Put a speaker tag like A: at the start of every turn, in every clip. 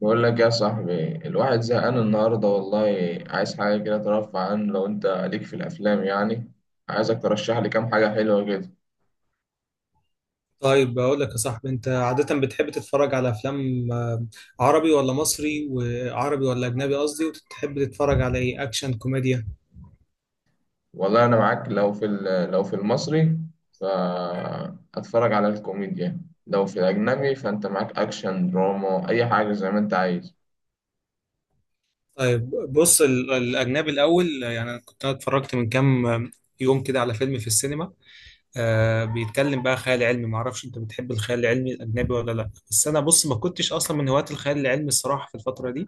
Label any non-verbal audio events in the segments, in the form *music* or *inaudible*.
A: بقول لك يا صاحبي، الواحد زهقان النهارده والله. عايز حاجة كده ترفع عنه، لو انت ليك في الافلام يعني. عايزك ترشح لي كام حاجة حلوة كده.
B: طيب، بقول لك يا صاحبي، انت عادة بتحب تتفرج على افلام عربي ولا مصري؟ وعربي ولا اجنبي قصدي؟ وتحب تتفرج على ايه، اكشن، كوميديا؟
A: والله انا معاك، لو في المصري فاتفرج على الكوميديا، لو في الاجنبي فانت معاك اكشن، دراما، اي حاجة زي ما انت عايز.
B: طيب بص، الاجنبي الاول. يعني انا كنت اتفرجت من كام يوم كده على فيلم في السينما. بيتكلم بقى خيال علمي. معرفش انت بتحب الخيال العلمي الاجنبي ولا لا، بس انا بص، ما كنتش اصلا من هواة الخيال العلمي الصراحة في الفترة دي.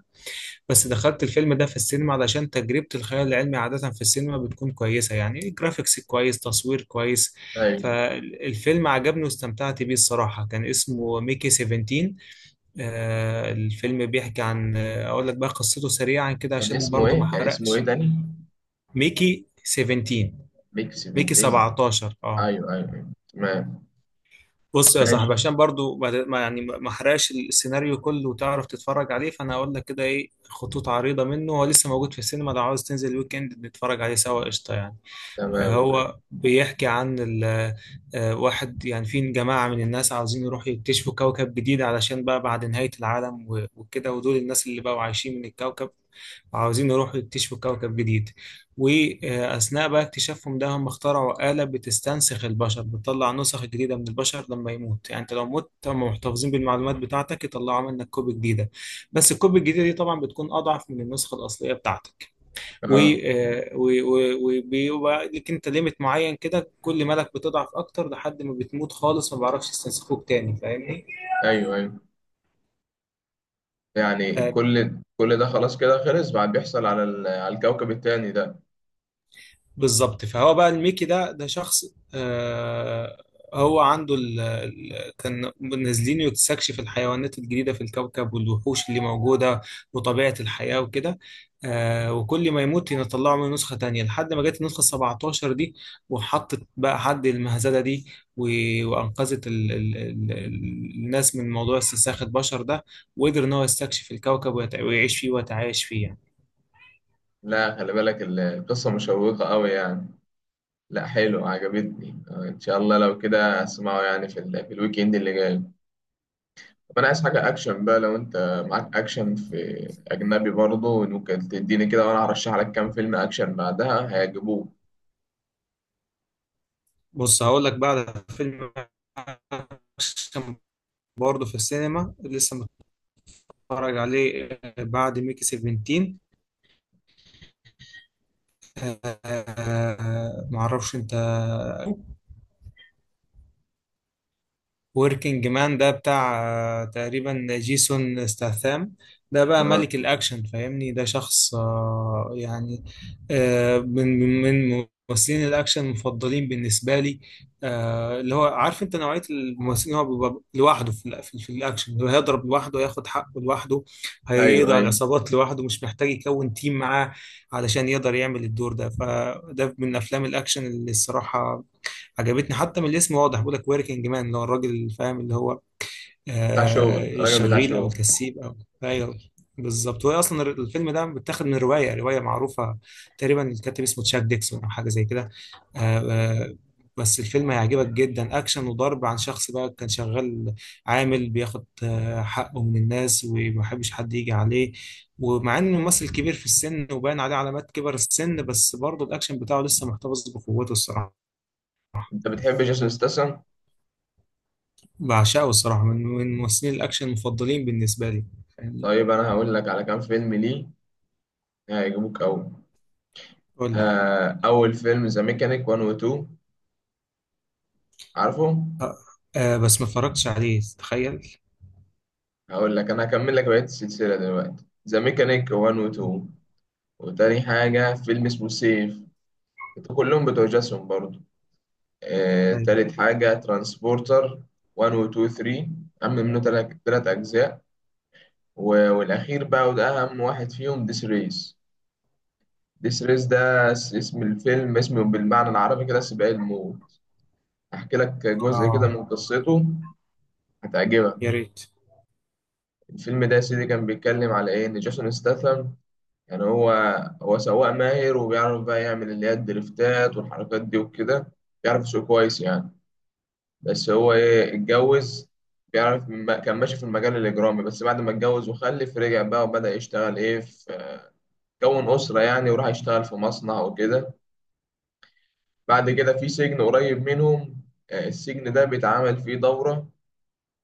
B: بس دخلت الفيلم ده في السينما علشان تجربة الخيال العلمي عادة في السينما بتكون كويسة، يعني جرافيكس كويس، تصوير كويس.
A: ايوه.
B: فالفيلم عجبني واستمتعت بيه الصراحة. كان اسمه ميكي 17. الفيلم بيحكي عن أقول لك بقى قصته سريعا كده
A: كان
B: عشان
A: اسمه
B: برضو
A: ايه؟
B: ما حرقش.
A: تاني؟
B: ميكي 17.
A: بيك
B: ميكي
A: 17؟
B: 17 اه.
A: ايوه، ايوه، أيوة. تمام.
B: بص يا صاحبي،
A: ماشي.
B: عشان برضو يعني ما احرقش السيناريو كله وتعرف تتفرج عليه، فانا هقول لك كده ايه خطوط عريضة منه. هو لسه موجود في السينما، لو عاوز تنزل الويك اند نتفرج عليه سوا قشطة يعني.
A: تمام، اوكي.
B: هو بيحكي عن واحد، يعني في جماعة من الناس عاوزين يروحوا يكتشفوا كوكب جديد علشان بقى بعد نهاية العالم وكده، ودول الناس اللي بقوا عايشين من الكوكب وعاوزين يروحوا يكتشفوا كوكب جديد. وأثناء بقى اكتشافهم ده هم اخترعوا آلة بتستنسخ البشر، بتطلع نسخ جديدة من البشر لما يموت، يعني انت لو مت هم محتفظين بالمعلومات بتاعتك يطلعوا منك كوبي جديدة. بس الكوبي الجديدة دي طبعا بتكون أضعف من النسخة الأصلية بتاعتك. و-
A: اه.
B: آه، و- و- وبيبقى لك انت ليميت معين كده، كل مالك بتضعف اكتر لحد ما بتموت خالص، ما بعرفش يستنسخوك تاني، فاهمني؟
A: ايوه، ايوه. يعني
B: آه،
A: كل ده، خلاص كده خلص، بعد بيحصل على الكوكب التاني ده؟
B: بالظبط. فهو بقى الميكي ده شخص. آه هو عنده ال ال كان نازلين يستكشف الحيوانات الجديدة في الكوكب والوحوش اللي موجودة وطبيعة الحياة وكده. وكل ما يموت يطلعوا منه نسخة تانية لحد ما جت النسخة 17 دي وحطت بقى حد المهزلة دي، وأنقذت ال ال ال الناس من موضوع استنساخ البشر ده، وقدر إن هو يستكشف الكوكب ويعيش فيه ويتعايش فيه يعني.
A: لا، خلي بالك، القصة مشوقة قوي يعني. لا، حلو، عجبتني. ان شاء الله لو كده اسمعه يعني في الويك اند اللي جاي. طب انا عايز حاجة اكشن بقى، لو انت معاك اكشن في اجنبي برضه، ممكن تديني كده، وانا هرشح لك كام فيلم اكشن بعدها هيعجبوك.
B: بص هقول لك بقى على فيلم اكشن برضه في السينما لسه متفرج عليه، بعد ميكي 17. آه، آه، معرفش انت وركينج مان ده بتاع تقريبا جيسون ستاثام. ده بقى
A: آه.
B: ملك الأكشن، فاهمني. ده شخص يعني من ممثلين الأكشن المفضلين بالنسبة لي، اللي هو عارف أنت نوعية الممثلين اللي هو بيبقى لوحده في في الأكشن، اللي هو هيضرب لوحده، ياخد حقه لوحده،
A: ايوه،
B: هيقضي على
A: ايوه.
B: العصابات لوحده، مش محتاج يكون تيم معاه علشان يقدر يعمل الدور ده. فده من أفلام الأكشن اللي الصراحة عجبتني. حتى من الاسم واضح، بيقول لك وركينج مان اللي هو الراجل، اللي فاهم اللي هو
A: بتاع شغل، راجل بتاع
B: الشغيل او
A: شغل.
B: الكسيب او... ايوه، بالظبط. وهي اصلا الفيلم ده متاخد من روايه معروفه. تقريبا الكاتب اسمه تشاك ديكسون او حاجه زي كده. آه آه بس الفيلم هيعجبك جدا، اكشن وضرب عن شخص بقى كان شغال، عامل بياخد حقه من الناس وما بيحبش حد يجي عليه. ومع انه ممثل كبير في السن وباين عليه علامات كبر السن، بس برضه الاكشن بتاعه لسه محتفظ بقوته الصراحه.
A: انت بتحب جيسون ستاثام؟
B: بعشقه الصراحة، من ممثلين الأكشن المفضلين بالنسبة لي، فاهمني.
A: طيب انا هقول لك على كام فيلم ليه هيعجبوك قوي.
B: قول لي.
A: أول فيلم ذا ميكانيك 1 و 2، عارفه؟
B: آه. بس ما اتفرجتش عليه تخيل.
A: هقول لك، أنا هكمل لك بقية السلسلة دلوقتي. ذا ميكانيك 1 و 2، وتاني حاجة فيلم اسمه سيف، كلهم بتوع جاسون برضه.
B: يعني.
A: تالت حاجة ترانسبورتر 1 و 2 3، عم منه تلات أجزاء. والأخير بقى، وده أهم واحد فيهم، ديس ريس. ديس ريس ده اسم الفيلم، اسمه بالمعنى العربي كده سباق الموت. أحكي لك جزء كده
B: آه.
A: من قصته، هتعجبك.
B: يا ريت.
A: الفيلم ده يا سيدي كان بيتكلم على ايه، ان جيسون ستاثام يعني هو سواق ماهر، وبيعرف بقى يعمل اللي هي الدريفتات والحركات دي وكده، بيعرف يسوق كويس يعني. بس هو ايه، اتجوز. بيعرف كان ماشي في المجال الاجرامي، بس بعد ما اتجوز وخلف رجع بقى وبدأ يشتغل ايه في، كون أسرة يعني، وراح يشتغل في مصنع وكده. بعد كده في سجن قريب منهم. السجن ده بيتعمل فيه دورة،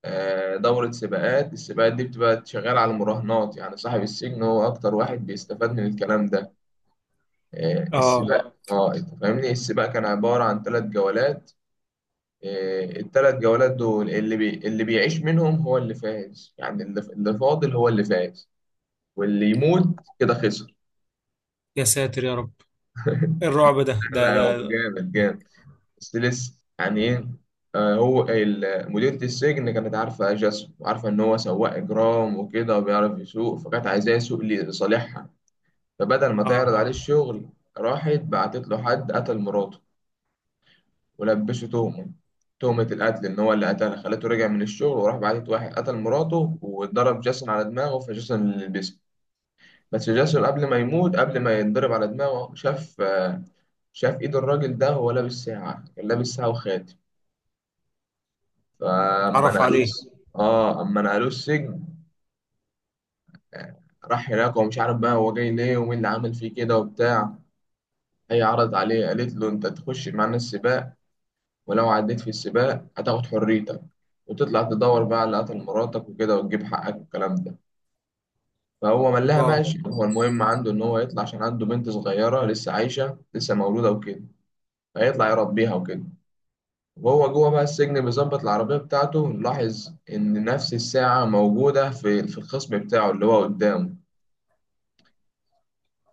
A: دورة سباقات. السباقات دي بتبقى شغالة على المراهنات، يعني صاحب السجن هو أكتر واحد بيستفاد من الكلام ده.
B: آه.
A: السباق. اه، اه، انت فاهمني، السباق كان عبارة عن ثلاث جولات. الثلاث جولات دول اللي اللي بيعيش منهم هو اللي فاز، يعني اللي فاضل هو اللي فاز، واللي يموت كده خسر.
B: يا ساتر يا رب، إيه الرعب ده
A: *laughs*
B: ده
A: لا، هو
B: ده
A: جامد جامد، بس لسه يعني ايه. مديرة السجن كانت عارفة جاسم وعارفة إن هو سواق إجرام وكده وبيعرف يسوق، فكانت عايزاه يسوق لصالحها. فبدل ما
B: آه.
A: تعرض عليه الشغل، راحت بعتت له حد قتل مراته، ولبشه تهمة، تهمة القتل، إن هو اللي قتلها. خلته رجع من الشغل، وراح بعتت واحد قتل مراته، واتضرب جاسون على دماغه، فجاسون اللي لبسه. بس جاسون قبل ما يموت، قبل ما يتضرب على دماغه، شاف، شاف إيد الراجل ده وهو لابس ساعة، كان لابس ساعة وخاتم. فأما
B: اتعرف
A: نقلوه،
B: عليه؟
A: اه، اما نقلوه السجن، راح هناك ومش عارف بقى هو جاي ليه ومين اللي عامل فيه كده وبتاع. هي عرض عليه، قالت له: انت تخش معانا السباق، ولو عديت في السباق هتاخد حريتك، وتطلع تدور بقى على اللي قتل مراتك وكده، وتجيب حقك والكلام ده. فهو ملاها
B: واو.
A: ماشي، هو المهم عنده إن هو يطلع، عشان عنده بنت صغيرة لسه عايشة، لسه مولودة وكده، فيطلع يربيها وكده. وهو جوه بقى السجن بيظبط العربية بتاعته، لاحظ إن نفس الساعة موجودة في الخصم بتاعه اللي هو قدامه.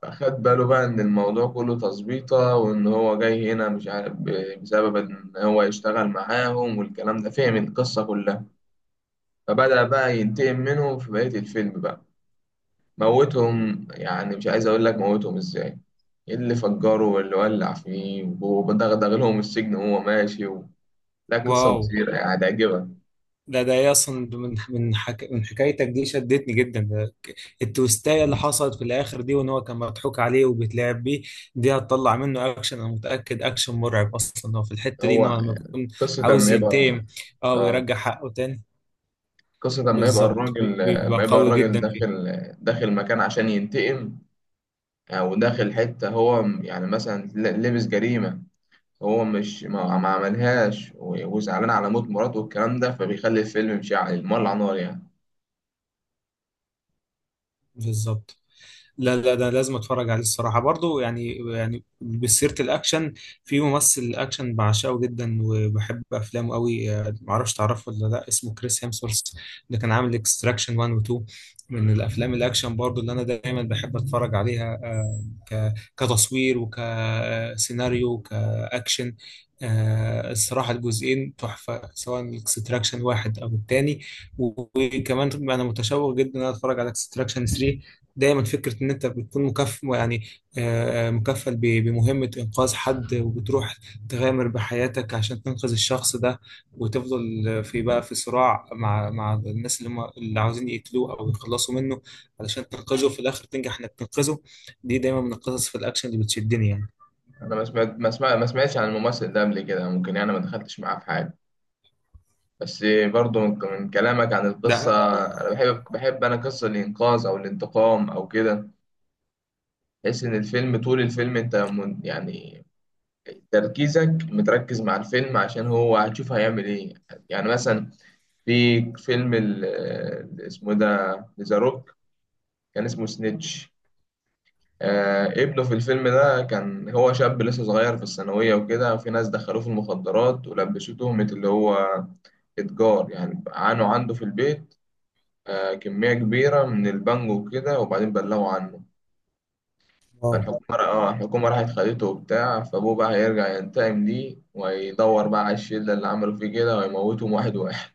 A: فخد باله بقى إن الموضوع كله تظبيطة، وإن هو جاي هنا مش عارف بسبب إن هو يشتغل معاهم والكلام ده، فهم القصة كلها. فبدأ بقى ينتقم منهم في بقية الفيلم بقى، موتهم. يعني مش عايز أقول لك موتهم إزاي، إيه اللي فجره واللي ولع فيه ودغدغ لهم السجن وهو ماشي لا، قصة
B: واو.
A: مثيرة يعني، هتعجبك.
B: ده ده إيه اصلا ده، من من حكايتك دي شدتني جدا. التويستاية اللي حصلت في الاخر دي، وان هو كان مضحوك عليه وبيتلعب بيه، دي هتطلع منه اكشن انا متاكد. اكشن مرعب اصلا هو في الحته دي، ان
A: هو
B: هو لما يكون
A: قصة
B: عاوز
A: لما يبقى
B: ينتقم اه
A: آه
B: ويرجع حقه تاني.
A: قصة لما يبقى
B: بالظبط
A: الراجل
B: بيبقى
A: لما يبقى
B: قوي
A: الراجل
B: جدا فيه.
A: داخل مكان عشان ينتقم، أو داخل حتة هو يعني مثلا لبس جريمة، هو مش ما عملهاش، وزعلان على موت مراته والكلام ده، فبيخلي الفيلم مشعل مولع نار يعني.
B: بالظبط. لا لا، ده لازم اتفرج عليه الصراحه برضو، يعني بسيره الاكشن. في ممثل اكشن بعشقه جدا وبحب افلامه قوي، معرفش تعرفه ولا لا، اسمه كريس هيمسورث، اللي كان عامل اكستراكشن 1 و 2. من الافلام الاكشن برضو اللي انا دايما بحب اتفرج عليها، كتصوير وكسيناريو وكاكشن. الصراحة الجزئين تحفة، سواء الاكستراكشن واحد أو التاني. وكمان أنا متشوق جدا إن أنا أتفرج على اكستراكشن 3. دايما فكرة إن أنت بتكون مكفل يعني، مكفل بمهمة إنقاذ حد، وبتروح تغامر بحياتك عشان تنقذ الشخص ده، وتفضل في بقى في صراع مع الناس اللي هم اللي عاوزين يقتلوه أو يخلصوا منه، علشان تنقذه في الآخر تنجح إنك تنقذه. دي دايما من القصص في الأكشن اللي بتشدني يعني.
A: انا ما سمعت ما سمع ما سمعتش عن الممثل ده قبل كده، ممكن يعني ما دخلتش معاه في حاجه، بس برضو من كلامك عن القصه،
B: ده.
A: انا بحب قصه الانقاذ او الانتقام او كده. تحس ان الفيلم، طول الفيلم انت من يعني تركيزك متركز مع الفيلم، عشان هو هتشوف هيعمل ايه. يعني مثلا في فيلم اسمه إيه ده، ذا روك، كان اسمه سنيتش. ابنه في الفيلم ده كان هو شاب لسه صغير في الثانوية وكده، وفي ناس دخلوه في المخدرات ولبسوه تهمة اللي هو إتجار يعني، عانوا عنده في البيت كمية كبيرة من البانجو وكده، وبعدين بلغوا عنه.
B: واو.
A: فالحكومة اه الحكومة راحت خدته وبتاع، فأبوه بقى هيرجع ينتقم ليه، ويدور بقى على الشلة اللي عملوا فيه كده ويموتهم واحد واحد.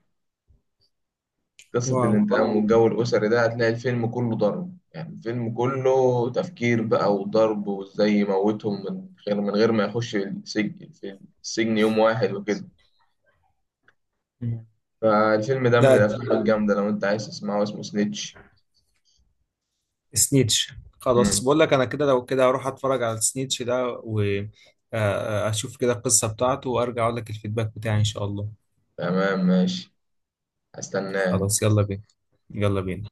A: قصة
B: واو.
A: الانتقام والله، والجو الأسري ده، هتلاقي الفيلم كله ضرب يعني، الفيلم كله تفكير بقى وضرب وازاي يموتهم من غير ما يخش السجن، في السجن يوم واحد وكده.
B: مم.
A: فالفيلم ده من
B: لا.
A: الأفلام الجامدة، لو أنت عايز تسمعه اسمه سنيتش.
B: سنيتش. خلاص
A: مم.
B: بقول لك انا كده، لو كده اروح اتفرج على سنيتش ده واشوف كده القصة بتاعته وارجع اقول لك الفيدباك بتاعي ان شاء الله.
A: تمام، ماشي، هستناه.
B: خلاص، يلا بينا، يلا بينا.